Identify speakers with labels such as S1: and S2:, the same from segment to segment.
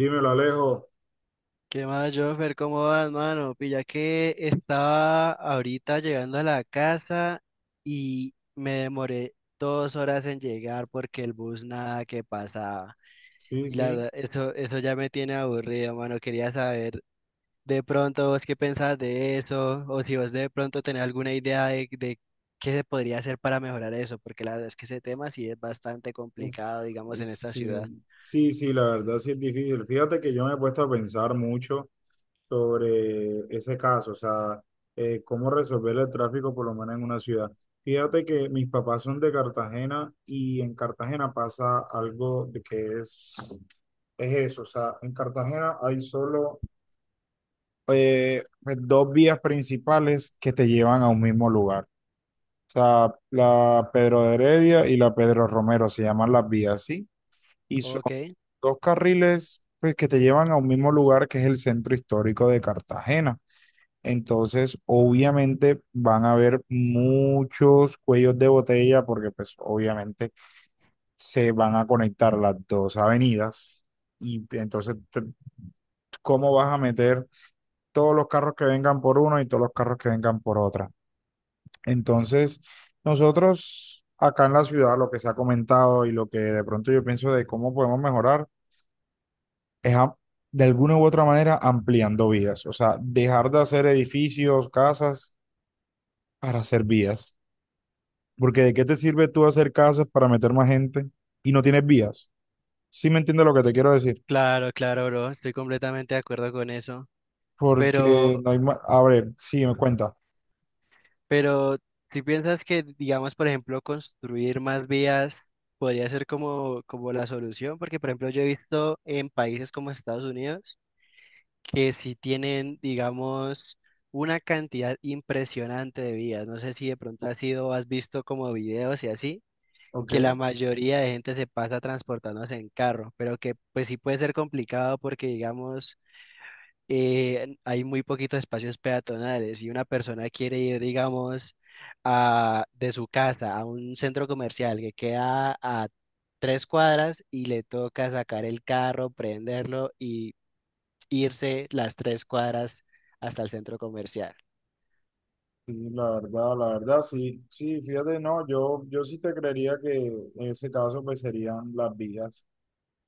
S1: Dímelo, Alejo.
S2: ¿Qué más, Joffer? ¿Cómo vas, mano? Pilla que estaba ahorita llegando a la casa y me demoré 2 horas en llegar porque el bus nada que pasaba.
S1: Sí,
S2: Y la
S1: sí.
S2: verdad, eso ya me tiene aburrido, mano. Quería saber de pronto vos qué pensás de eso o si vos de pronto tenés alguna idea de qué se podría hacer para mejorar eso, porque la verdad es que ese tema sí es bastante
S1: Uf,
S2: complicado, digamos, en esta ciudad.
S1: sí. Sí, sí, la verdad sí es difícil. Fíjate que yo me he puesto a pensar mucho sobre ese caso, o sea, cómo resolver el tráfico por lo menos en una ciudad. Fíjate que mis papás son de Cartagena y en Cartagena pasa algo de que es eso, o sea, en Cartagena hay solo pues, dos vías principales que te llevan a un mismo lugar. O sea, la Pedro de Heredia y la Pedro Romero se llaman las vías, ¿sí? Y son
S2: Ok,
S1: dos carriles pues, que te llevan a un mismo lugar que es el centro histórico de Cartagena. Entonces, obviamente van a haber muchos cuellos de botella porque pues obviamente se van a conectar las dos avenidas. Y entonces, ¿cómo vas a meter todos los carros que vengan por uno y todos los carros que vengan por otra? Entonces, nosotros acá en la ciudad lo que se ha comentado y lo que de pronto yo pienso de cómo podemos mejorar es de alguna u otra manera ampliando vías, o sea, dejar de hacer edificios, casas para hacer vías, porque ¿de qué te sirve tú hacer casas para meter más gente y no tienes vías? ¿Sí me entiendes lo que te quiero decir?
S2: claro, claro, bro. Estoy completamente de acuerdo con eso. Pero,
S1: Porque no hay más, a ver, sí, me cuenta.
S2: pero, si piensas que, digamos, por ejemplo, construir más vías podría ser como, ¿como la solución? Porque, por ejemplo, yo he visto en países como Estados Unidos que sí tienen, digamos, una cantidad impresionante de vías. No sé si de pronto has ido, has visto como videos y así,
S1: Ok,
S2: que la mayoría de gente se pasa transportándose en carro, pero que pues sí puede ser complicado porque, digamos, hay muy poquitos espacios peatonales y una persona quiere ir, digamos, a, de su casa a un centro comercial que queda a 3 cuadras y le toca sacar el carro, prenderlo y irse las 3 cuadras hasta el centro comercial.
S1: sí, la verdad, sí, sí, fíjate, no, yo sí te creería que en ese caso pues serían las vías,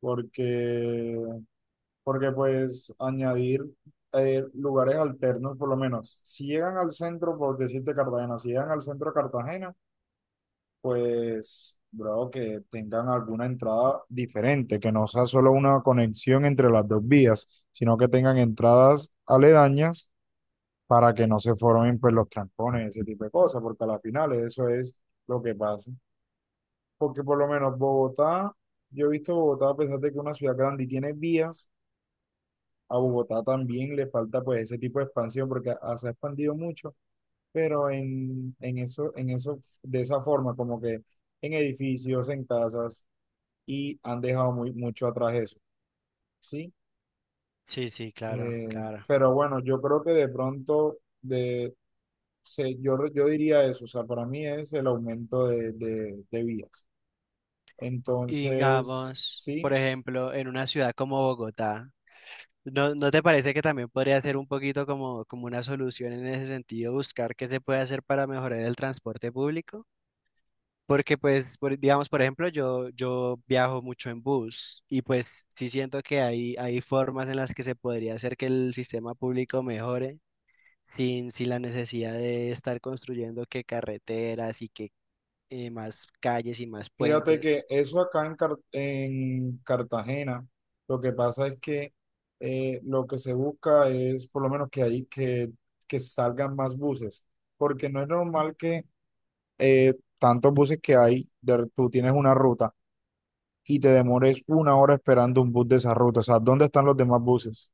S1: porque, porque pues añadir lugares alternos, por lo menos, si llegan al centro, por decirte Cartagena, si llegan al centro de Cartagena, pues, bro, que tengan alguna entrada diferente, que no sea solo una conexión entre las dos vías, sino que tengan entradas aledañas para que no se formen pues los trancones, ese tipo de cosas, porque a la final eso es lo que pasa. Porque por lo menos Bogotá, yo he visto Bogotá, a pesar de que es una ciudad grande y tiene vías, a Bogotá también le falta pues ese tipo de expansión porque se ha expandido mucho, pero en eso, de esa forma, como que en edificios, en casas, y han dejado mucho atrás eso, ¿sí?
S2: Sí, sí, claro, claro.
S1: Pero bueno, yo creo que de pronto, de, se, yo, re- yo diría eso, o sea, para mí es el aumento de vías.
S2: Y
S1: Entonces,
S2: digamos,
S1: sí.
S2: por ejemplo, en una ciudad como Bogotá, ¿no te parece que también podría ser un poquito como, como una solución en ese sentido, buscar qué se puede hacer para mejorar el transporte público? Porque pues, digamos, por ejemplo, yo viajo mucho en bus y pues sí siento que hay formas en las que se podría hacer que el sistema público mejore sin la necesidad de estar construyendo que carreteras y que más calles y más
S1: Fíjate
S2: puentes.
S1: que eso acá en Cartagena, lo que pasa es que lo que se busca es por lo menos que ahí que salgan más buses, porque no es normal que eh, tantos buses que hay, tú tienes una ruta y te demores una hora esperando un bus de esa ruta, o sea, ¿dónde están los demás buses?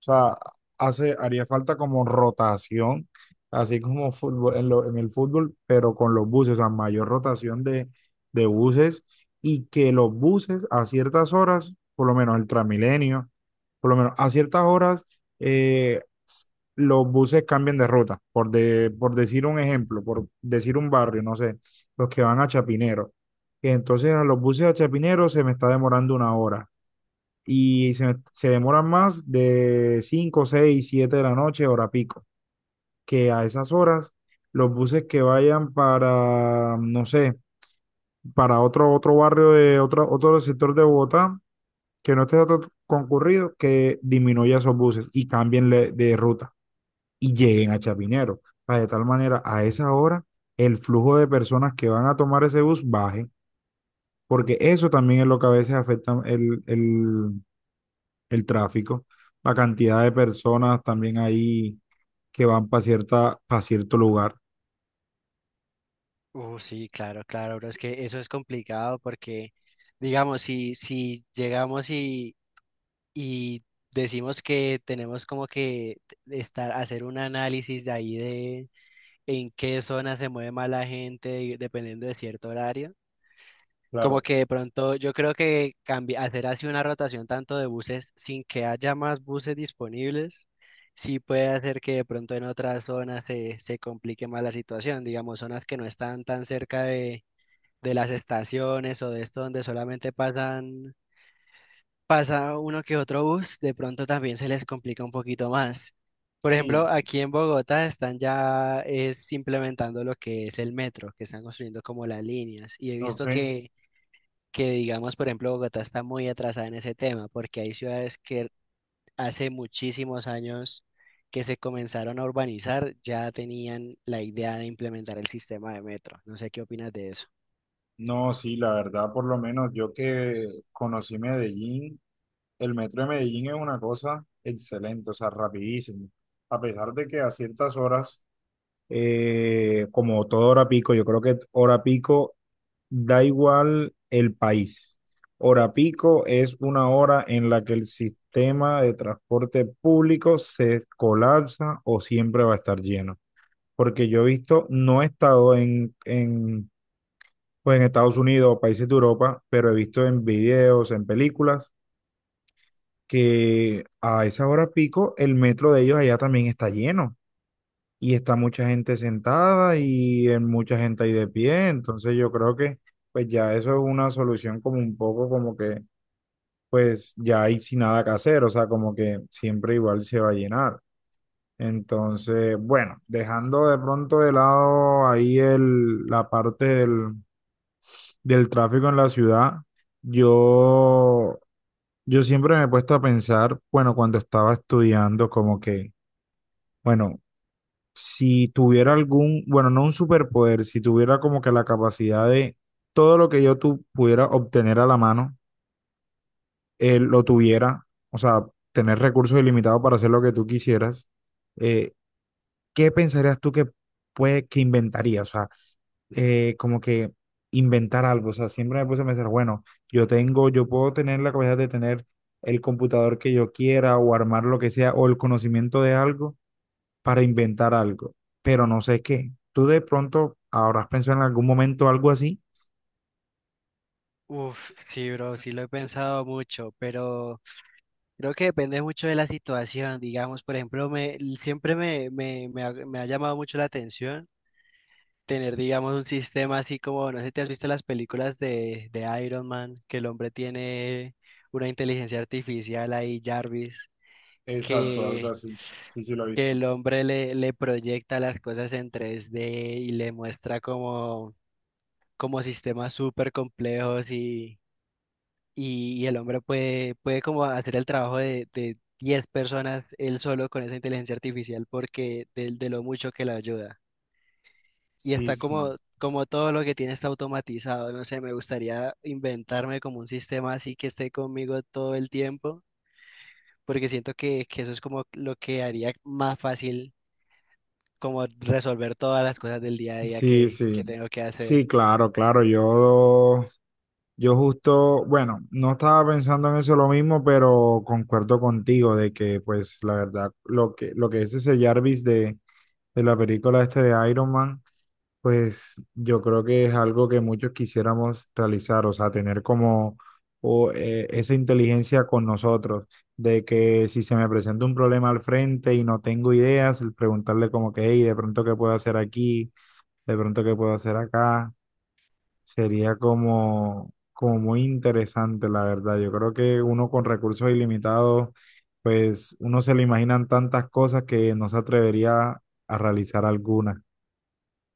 S1: O sea, haría falta como rotación, así como fútbol, en el fútbol, pero con los buses, o sea, mayor rotación de buses y que los buses a ciertas horas, por lo menos el Transmilenio, por lo menos a ciertas horas, eh, s- los buses cambian de ruta, por decir un ejemplo, por decir un barrio, no sé, los que van a Chapinero. Entonces a los buses a Chapinero se me está demorando una hora y se demoran más de 5 6 7 de la noche, hora pico, que a esas horas los buses que vayan para, no sé, para otro barrio de otro sector de Bogotá, que no esté tan concurrido, que disminuya esos buses y cambien de ruta y lleguen a Chapinero. Para de tal manera, a esa hora, el flujo de personas que van a tomar ese bus baje, porque eso también es lo que a veces afecta el tráfico, la cantidad de personas también ahí que van para para cierto lugar.
S2: Sí, claro, claro, pero es que eso es complicado porque, digamos, si llegamos y decimos que tenemos como que estar, hacer un análisis de ahí de en qué zona se mueve más la gente y dependiendo de cierto horario. Como
S1: Claro,
S2: que de pronto yo creo que hacer así una rotación tanto de buses sin que haya más buses disponibles, sí puede hacer que de pronto en otras zonas se complique más la situación, digamos, zonas que no están tan cerca de las estaciones o de esto donde solamente pasa uno que otro bus, de pronto también se les complica un poquito más. Por
S1: sí,
S2: ejemplo,
S1: sí,
S2: aquí en Bogotá implementando lo que es el metro, que están construyendo como las líneas. Y he visto
S1: ok.
S2: que, digamos, por ejemplo, Bogotá está muy atrasada en ese tema, porque hay ciudades que hace muchísimos años que se comenzaron a urbanizar, ya tenían la idea de implementar el sistema de metro. No sé qué opinas de eso.
S1: No, sí, la verdad, por lo menos yo que conocí Medellín, el metro de Medellín es una cosa excelente, o sea, rapidísimo. A pesar de que a ciertas horas, como toda hora pico, yo creo que hora pico da igual el país. Hora pico es una hora en la que el sistema de transporte público se colapsa o siempre va a estar lleno. Porque yo he visto, no he estado pues en Estados Unidos o países de Europa, pero he visto en videos, en películas, que a esa hora pico el metro de ellos allá también está lleno y está mucha gente sentada y en mucha gente ahí de pie, entonces yo creo que pues ya eso es una solución como un poco como que pues ya hay sin nada que hacer, o sea, como que siempre igual se va a llenar. Entonces, bueno, dejando de pronto de lado ahí la parte del, del tráfico en la ciudad, yo, yo siempre me he puesto a pensar, bueno, cuando estaba estudiando, como que, bueno, si tuviera algún, bueno, no un superpoder, si tuviera como que la capacidad de todo lo que yo tu, pudiera obtener a la mano, él lo tuviera, o sea, tener recursos ilimitados para hacer lo que tú quisieras, eh, ¿qué pensarías tú que puede, que inventaría? O sea, como que inventar algo. O sea, siempre me puse a pensar, bueno, yo puedo tener la capacidad de tener el computador que yo quiera o armar lo que sea o el conocimiento de algo para inventar algo, pero no sé qué. ¿Tú de pronto habrás pensado en algún momento algo así?
S2: Uf, sí, bro, sí lo he pensado mucho, pero... Creo que depende mucho de la situación, digamos, por ejemplo, siempre me ha llamado mucho la atención tener, digamos, un sistema así como, no sé, ¿si te has visto las películas de Iron Man? Que el hombre tiene una inteligencia artificial ahí, Jarvis,
S1: Exacto, algo
S2: que,
S1: así. Sí, sí, lo he
S2: que
S1: visto.
S2: el hombre le proyecta las cosas en 3D y le muestra como, como sistemas súper complejos y el hombre puede como hacer el trabajo de 10 personas él solo con esa inteligencia artificial porque de lo mucho que la ayuda. Y
S1: Sí,
S2: está
S1: sí.
S2: como, como todo lo que tiene está automatizado, no sé, me gustaría inventarme como un sistema así que esté conmigo todo el tiempo, porque siento que eso es como lo que haría más fácil como resolver todas las cosas del día a día
S1: Sí, sí.
S2: que tengo que hacer.
S1: Sí, claro, claro. Yo justo, bueno, no estaba pensando en eso lo mismo, pero concuerdo contigo de que, pues, la verdad, lo que es ese Jarvis de la película este de Iron Man. Pues yo creo que es algo que muchos quisiéramos realizar, o sea, tener como esa inteligencia con nosotros, de que si se me presenta un problema al frente y no tengo ideas, el preguntarle como que, hey, de pronto qué puedo hacer aquí, de pronto qué puedo hacer acá, sería como, como muy interesante, la verdad. Yo creo que uno con recursos ilimitados, pues uno se le imaginan tantas cosas que no se atrevería a realizar algunas.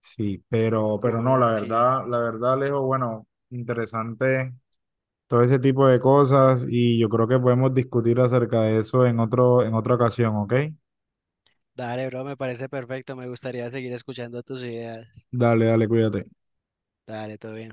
S1: Sí, pero no,
S2: Sí.
S1: la verdad, Alejo, bueno, interesante todo ese tipo de cosas y yo creo que podemos discutir acerca de eso en en otra ocasión, ¿ok?
S2: Dale, bro, me parece perfecto. Me gustaría seguir escuchando tus ideas.
S1: Dale, dale, cuídate.
S2: Dale, todo bien.